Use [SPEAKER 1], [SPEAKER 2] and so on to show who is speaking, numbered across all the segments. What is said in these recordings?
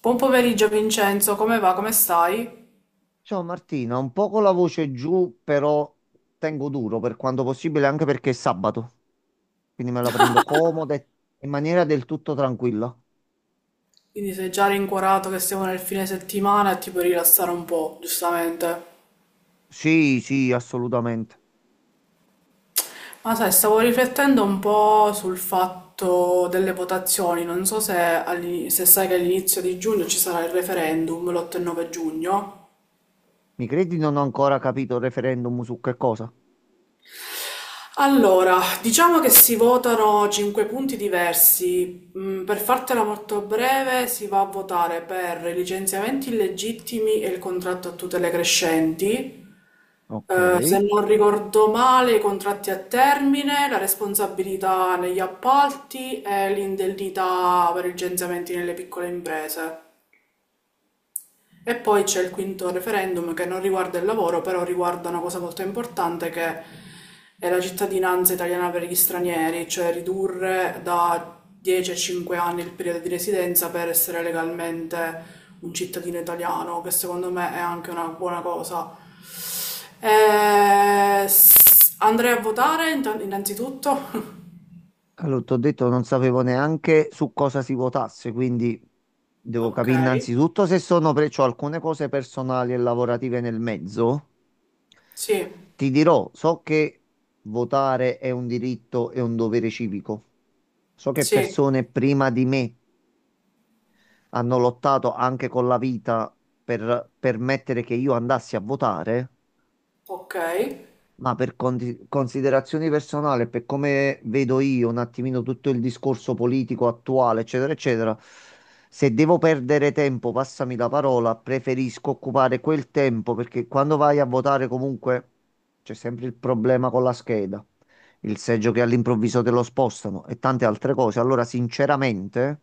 [SPEAKER 1] Buon pomeriggio Vincenzo, come va? Come stai?
[SPEAKER 2] Ciao Martina, un po' con la voce giù, però tengo duro per quanto possibile, anche perché è sabato, quindi me la prendo comoda e in maniera del tutto tranquilla.
[SPEAKER 1] Quindi sei già rincuorato che siamo nel fine settimana e ti puoi rilassare un po', giustamente.
[SPEAKER 2] Sì, sì, assolutamente.
[SPEAKER 1] Ma sai, stavo riflettendo un po' sul fatto delle votazioni, non so se, se sai che all'inizio di giugno ci sarà il referendum, l'8 e 9 giugno.
[SPEAKER 2] Mi credi, non ho ancora capito il referendum su che cosa?
[SPEAKER 1] Allora, diciamo che si votano cinque punti diversi. Per fartela molto breve, si va a votare per i licenziamenti illegittimi e il contratto a tutele crescenti.
[SPEAKER 2] Ok.
[SPEAKER 1] Se non ricordo male, i contratti a termine, la responsabilità negli appalti e l'indennità per i licenziamenti nelle piccole imprese. E poi c'è il quinto referendum che non riguarda il lavoro, però riguarda una cosa molto importante che è la cittadinanza italiana per gli stranieri, cioè ridurre da 10 a 5 anni il periodo di residenza per essere legalmente un cittadino italiano, che secondo me è anche una buona cosa andrei a votare innanzitutto.
[SPEAKER 2] Allora, ti ho detto, non sapevo neanche su cosa si votasse, quindi devo
[SPEAKER 1] Ok,
[SPEAKER 2] capire innanzitutto se sono pre... c'ho alcune cose personali e lavorative nel mezzo.
[SPEAKER 1] sì,
[SPEAKER 2] Ti dirò, so che votare è un diritto e un dovere civico. So che
[SPEAKER 1] sì,
[SPEAKER 2] persone prima di me hanno lottato anche con la vita per permettere che io andassi a votare.
[SPEAKER 1] ok,
[SPEAKER 2] Ma per considerazioni personali, per come vedo io un attimino tutto il discorso politico attuale, eccetera, eccetera, se devo perdere tempo, passami la parola, preferisco occupare quel tempo, perché quando vai a votare comunque c'è sempre il problema con la scheda, il seggio che all'improvviso te lo spostano e tante altre cose. Allora, sinceramente,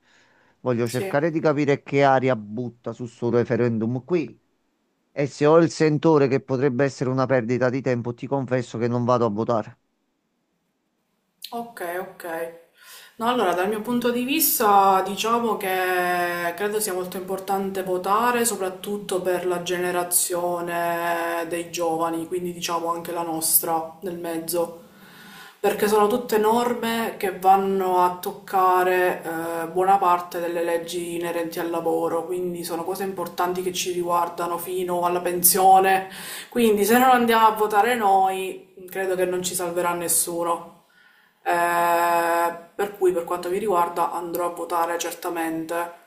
[SPEAKER 2] voglio
[SPEAKER 1] sì.
[SPEAKER 2] cercare di capire che aria butta su sto referendum qui. E se ho il sentore che potrebbe essere una perdita di tempo, ti confesso che non vado a votare.
[SPEAKER 1] Ok, ok. No, allora, dal mio punto di vista, diciamo che credo sia molto importante votare, soprattutto per la generazione dei giovani, quindi diciamo anche la nostra nel mezzo, perché sono tutte norme che vanno a toccare buona parte delle leggi inerenti al lavoro, quindi sono cose importanti che ci riguardano fino alla pensione, quindi se non andiamo a votare noi, credo che non ci salverà nessuno. Per cui per quanto mi riguarda andrò a votare certamente.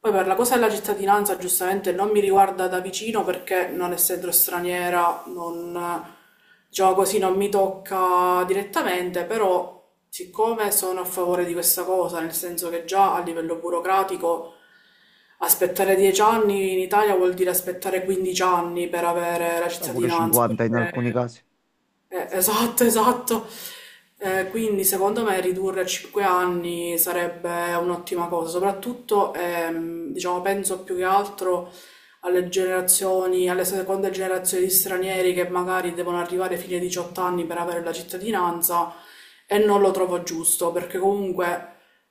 [SPEAKER 1] Poi per la cosa della cittadinanza giustamente non mi riguarda da vicino perché non essendo straniera non, diciamo così, non mi tocca direttamente, però siccome sono a favore di questa cosa, nel senso che già a livello burocratico aspettare 10 anni in Italia vuol dire aspettare 15 anni per avere la
[SPEAKER 2] Ma pure
[SPEAKER 1] cittadinanza,
[SPEAKER 2] 50 in
[SPEAKER 1] perché.
[SPEAKER 2] alcuni casi.
[SPEAKER 1] Eh, esatto, esatto. Quindi secondo me ridurre a 5 anni sarebbe un'ottima cosa, soprattutto diciamo, penso più che altro alle generazioni, alle seconde generazioni di stranieri che magari devono arrivare fino ai 18 anni per avere la cittadinanza e non lo trovo giusto, perché comunque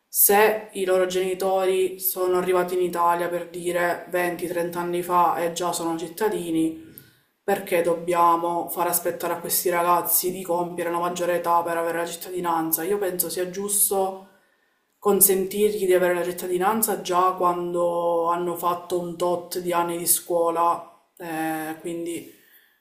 [SPEAKER 1] se i loro genitori sono arrivati in Italia per dire 20-30 anni fa e già sono cittadini, perché dobbiamo far aspettare a questi ragazzi di compiere la maggiore età per avere la cittadinanza? Io penso sia giusto consentirgli di avere la cittadinanza già quando hanno fatto un tot di anni di scuola, quindi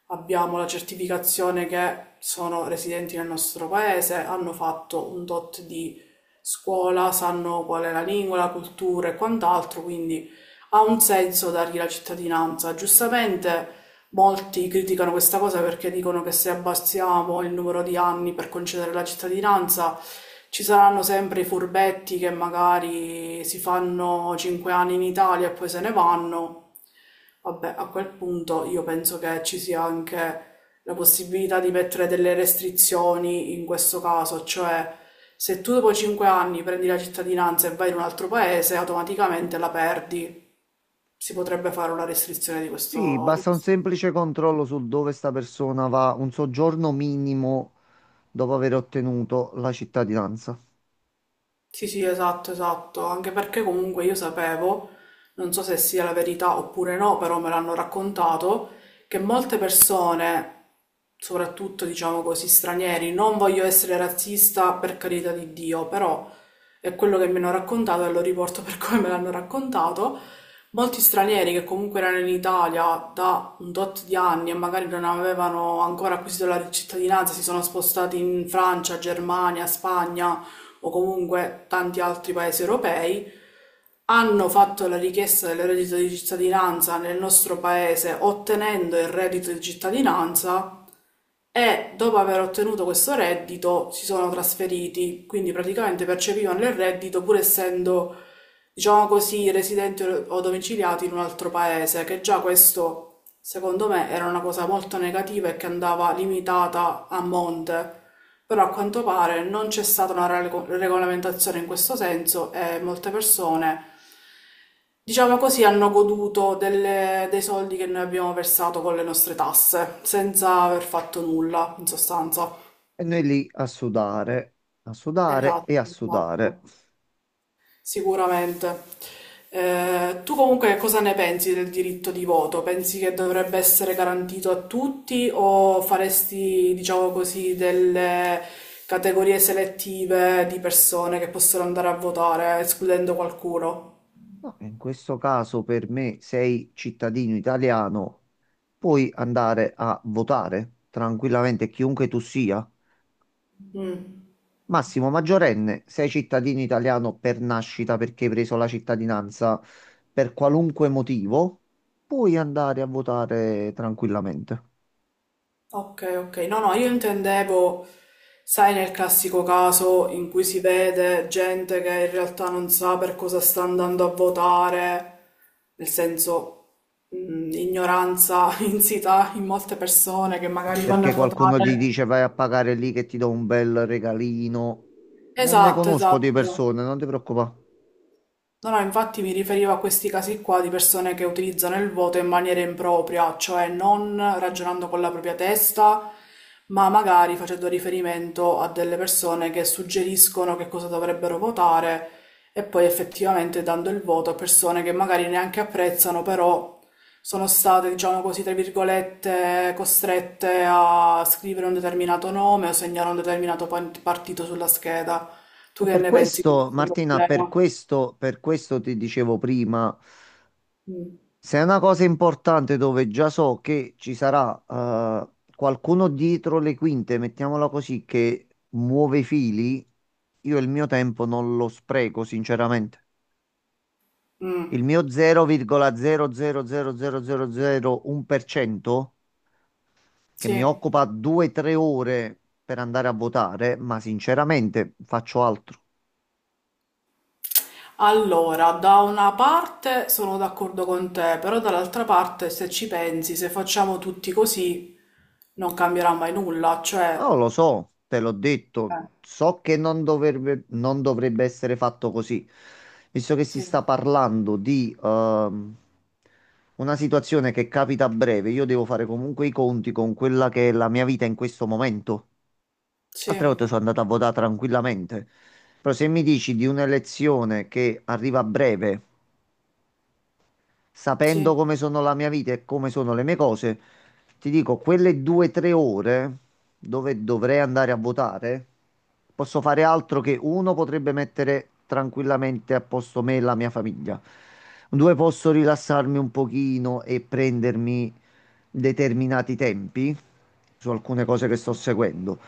[SPEAKER 1] abbiamo la certificazione che sono residenti nel nostro paese, hanno fatto un tot di scuola, sanno qual è la lingua, la cultura e quant'altro, quindi ha un senso dargli la cittadinanza. Giustamente molti criticano questa cosa perché dicono che se abbassiamo il numero di anni per concedere la cittadinanza, ci saranno sempre i furbetti che magari si fanno 5 anni in Italia e poi se ne vanno. Vabbè, a quel punto io penso che ci sia anche la possibilità di mettere delle restrizioni in questo caso, cioè se tu dopo 5 anni prendi la cittadinanza e vai in un altro paese, automaticamente la perdi. Si potrebbe fare una restrizione di
[SPEAKER 2] Sì,
[SPEAKER 1] questo, di
[SPEAKER 2] basta un
[SPEAKER 1] questo.
[SPEAKER 2] semplice controllo sul dove sta persona va, un soggiorno minimo dopo aver ottenuto la cittadinanza.
[SPEAKER 1] Sì, sì, esatto, esatto, anche perché comunque io sapevo, non so se sia la verità oppure no, però me l'hanno raccontato, che molte persone, soprattutto diciamo così stranieri, non voglio essere razzista per carità di Dio, però è quello che mi hanno raccontato e lo riporto per come me l'hanno raccontato, molti stranieri che comunque erano in Italia da un tot di anni e magari non avevano ancora acquisito la cittadinanza, si sono spostati in Francia, Germania, Spagna o comunque tanti altri paesi europei, hanno fatto la richiesta del reddito di cittadinanza nel nostro paese ottenendo il reddito di cittadinanza e dopo aver ottenuto questo reddito si sono trasferiti, quindi praticamente percepivano il reddito pur essendo, diciamo così, residenti o domiciliati in un altro paese, che già questo. Secondo me era una cosa molto negativa e che andava limitata a monte, però a quanto pare non c'è stata una regolamentazione in questo senso e molte persone, diciamo così, hanno goduto dei soldi che noi abbiamo versato con le nostre tasse, senza aver fatto nulla, in sostanza.
[SPEAKER 2] E noi lì a sudare
[SPEAKER 1] Esatto,
[SPEAKER 2] e a sudare.
[SPEAKER 1] esatto. Sicuramente. Tu comunque cosa ne pensi del diritto di voto? Pensi che dovrebbe essere garantito a tutti o faresti, diciamo così, delle categorie selettive di persone che possono andare a votare, escludendo qualcuno?
[SPEAKER 2] No, in questo caso per me sei cittadino italiano, puoi andare a votare tranquillamente chiunque tu sia.
[SPEAKER 1] Mm.
[SPEAKER 2] Massimo, maggiorenne, sei cittadino italiano per nascita, perché hai preso la cittadinanza per qualunque motivo, puoi andare a votare tranquillamente.
[SPEAKER 1] Ok, ok. No, no, io intendevo, sai, nel classico caso in cui si vede gente che in realtà non sa per cosa sta andando a votare, nel senso, ignoranza insita in molte persone che magari vanno a
[SPEAKER 2] Perché qualcuno gli
[SPEAKER 1] votare.
[SPEAKER 2] dice vai a pagare lì che ti do un bel regalino. Ne
[SPEAKER 1] Esatto,
[SPEAKER 2] conosco di
[SPEAKER 1] esatto.
[SPEAKER 2] persone, non ti preoccupare.
[SPEAKER 1] No, no, infatti mi riferivo a questi casi qua di persone che utilizzano il voto in maniera impropria, cioè non ragionando con la propria testa, ma magari facendo riferimento a delle persone che suggeriscono che cosa dovrebbero votare e poi effettivamente dando il voto a persone che magari neanche apprezzano, però sono state, diciamo così, tra virgolette, costrette a scrivere un determinato nome o segnare un determinato partito sulla scheda. Tu
[SPEAKER 2] E
[SPEAKER 1] che
[SPEAKER 2] per
[SPEAKER 1] ne pensi di
[SPEAKER 2] questo,
[SPEAKER 1] questo
[SPEAKER 2] Martina, per
[SPEAKER 1] problema?
[SPEAKER 2] questo, per questo ti dicevo prima.
[SPEAKER 1] Mm.
[SPEAKER 2] Se è una cosa importante dove già so che ci sarà qualcuno dietro le quinte, mettiamola così, che muove i fili, io il mio tempo non lo spreco, sinceramente.
[SPEAKER 1] Mm,
[SPEAKER 2] Il mio 0,0000001% che mi
[SPEAKER 1] sì.
[SPEAKER 2] occupa 2-3 ore per andare a votare, ma sinceramente faccio altro.
[SPEAKER 1] Allora, da una parte sono d'accordo con te, però dall'altra parte, se ci pensi, se facciamo tutti così, non cambierà mai nulla,
[SPEAKER 2] No,
[SPEAKER 1] cioè.
[SPEAKER 2] lo so, te l'ho detto,
[SPEAKER 1] Eh,
[SPEAKER 2] so che non dovrebbe essere fatto così, visto che si
[SPEAKER 1] sì,
[SPEAKER 2] sta parlando di una situazione che capita a breve, io devo fare comunque i conti con quella che è la mia vita in questo momento.
[SPEAKER 1] sì,
[SPEAKER 2] Altre volte sono andato a votare tranquillamente, però se mi dici di un'elezione che arriva a breve, sapendo
[SPEAKER 1] sì,
[SPEAKER 2] come sono la mia vita e come sono le mie cose, ti dico, quelle due o tre ore dove dovrei andare a votare, posso fare altro, che uno, potrebbe mettere tranquillamente a posto me e la mia famiglia. Due, posso rilassarmi un pochino e prendermi determinati tempi su alcune cose che sto seguendo.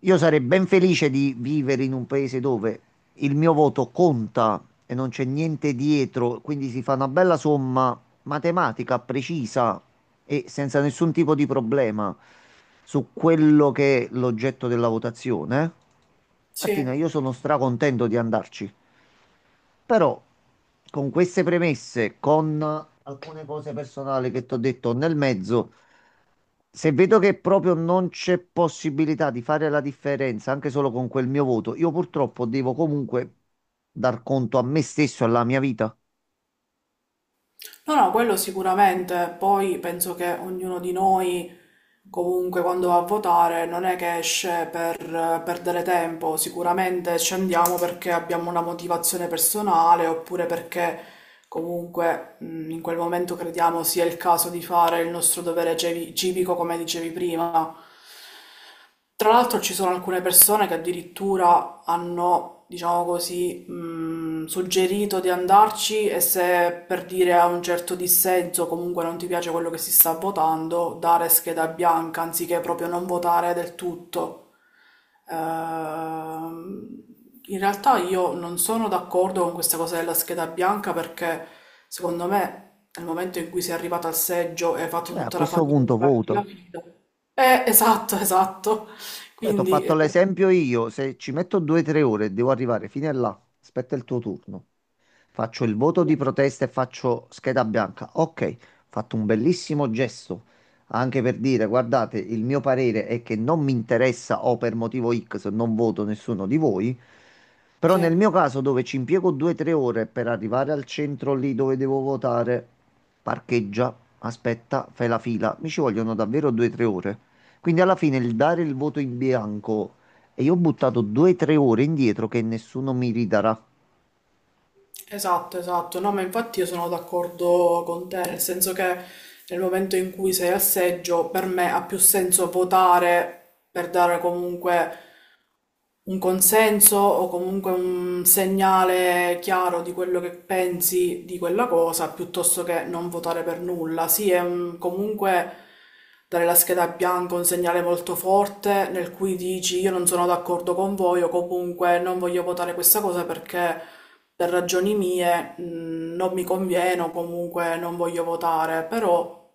[SPEAKER 2] Io sarei ben felice di vivere in un paese dove il mio voto conta e non c'è niente dietro, quindi si fa una bella somma matematica precisa e senza nessun tipo di problema su quello che è l'oggetto della votazione. Martina,
[SPEAKER 1] sì.
[SPEAKER 2] io sono stracontento di andarci, però con queste premesse, con alcune cose personali che ti ho detto nel mezzo, se vedo che proprio non c'è possibilità di fare la differenza anche solo con quel mio voto, io purtroppo devo comunque dar conto a me stesso e alla mia vita.
[SPEAKER 1] No, no, quello sicuramente, poi penso che ognuno di noi comunque quando va a votare non è che esce per perdere tempo, sicuramente scendiamo perché abbiamo una motivazione personale oppure perché comunque in quel momento crediamo sia il caso di fare il nostro dovere civico come dicevi prima. Tra l'altro ci sono alcune persone che addirittura hanno, diciamo così, suggerito di andarci e se per dire a un certo dissenso comunque non ti piace quello che si sta votando, dare scheda bianca anziché proprio non votare del tutto. Ehm, In realtà io non sono d'accordo con questa cosa della scheda bianca perché secondo me nel momento in cui sei arrivato al seggio e hai fatto
[SPEAKER 2] Cioè, a
[SPEAKER 1] tutta la
[SPEAKER 2] questo
[SPEAKER 1] fatica di
[SPEAKER 2] punto
[SPEAKER 1] farti la
[SPEAKER 2] voto.
[SPEAKER 1] fila, esatto, esatto.
[SPEAKER 2] Cioè, ti ho
[SPEAKER 1] Quindi,
[SPEAKER 2] fatto l'esempio io, se ci metto due o tre ore e devo arrivare fino a là, aspetta il tuo turno. Faccio il voto
[SPEAKER 1] sì,
[SPEAKER 2] di protesta e faccio scheda bianca. Ok, ho fatto un bellissimo gesto anche per dire, guardate, il mio parere è che non mi interessa, o per motivo X non voto nessuno di voi. Però nel
[SPEAKER 1] sì,
[SPEAKER 2] mio caso dove ci impiego 2-3 ore per arrivare al centro lì dove devo votare, parcheggia, aspetta, fai la fila, mi ci vogliono davvero 2-3 ore. Quindi alla fine il dare il voto in bianco e io ho buttato 2-3 ore indietro che nessuno mi ridarà.
[SPEAKER 1] esatto, esatto. No, ma infatti io sono d'accordo con te, nel senso che nel momento in cui sei al seggio, per me ha più senso votare per dare comunque un consenso o comunque un segnale chiaro di quello che pensi di quella cosa, piuttosto che non votare per nulla. Sì, è comunque dare la scheda bianca è un segnale molto forte nel cui dici io non sono d'accordo con voi o comunque non voglio votare questa cosa perché per ragioni mie non mi conviene o comunque non voglio votare, però,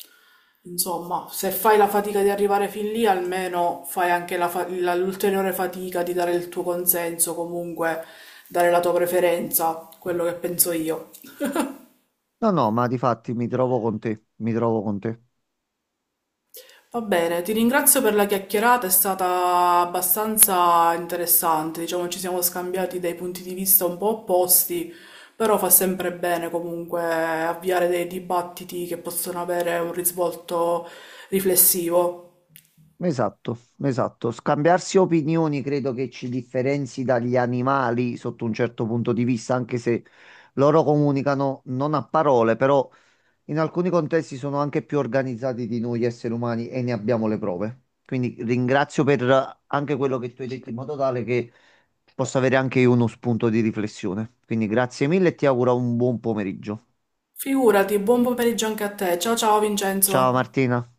[SPEAKER 1] insomma, se fai la fatica di arrivare fin lì, almeno fai anche la l'ulteriore fatica di dare il tuo consenso, comunque dare la tua preferenza, quello che penso io.
[SPEAKER 2] No, no, ma difatti mi trovo con te, mi trovo con te.
[SPEAKER 1] Va bene, ti ringrazio per la chiacchierata, è stata abbastanza interessante, diciamo ci siamo scambiati dei punti di vista un po' opposti, però fa sempre bene comunque avviare dei dibattiti che possono avere un risvolto riflessivo.
[SPEAKER 2] Esatto, esatto. Scambiarsi opinioni credo che ci differenzi dagli animali sotto un certo punto di vista, anche se loro comunicano non a parole, però in alcuni contesti sono anche più organizzati di noi esseri umani, e ne abbiamo le prove. Quindi ringrazio per anche quello che tu hai detto, in modo tale che possa avere anche io uno spunto di riflessione. Quindi grazie mille e ti auguro un buon pomeriggio.
[SPEAKER 1] Figurati, buon pomeriggio anche a te. Ciao ciao
[SPEAKER 2] Ciao
[SPEAKER 1] Vincenzo.
[SPEAKER 2] Martina.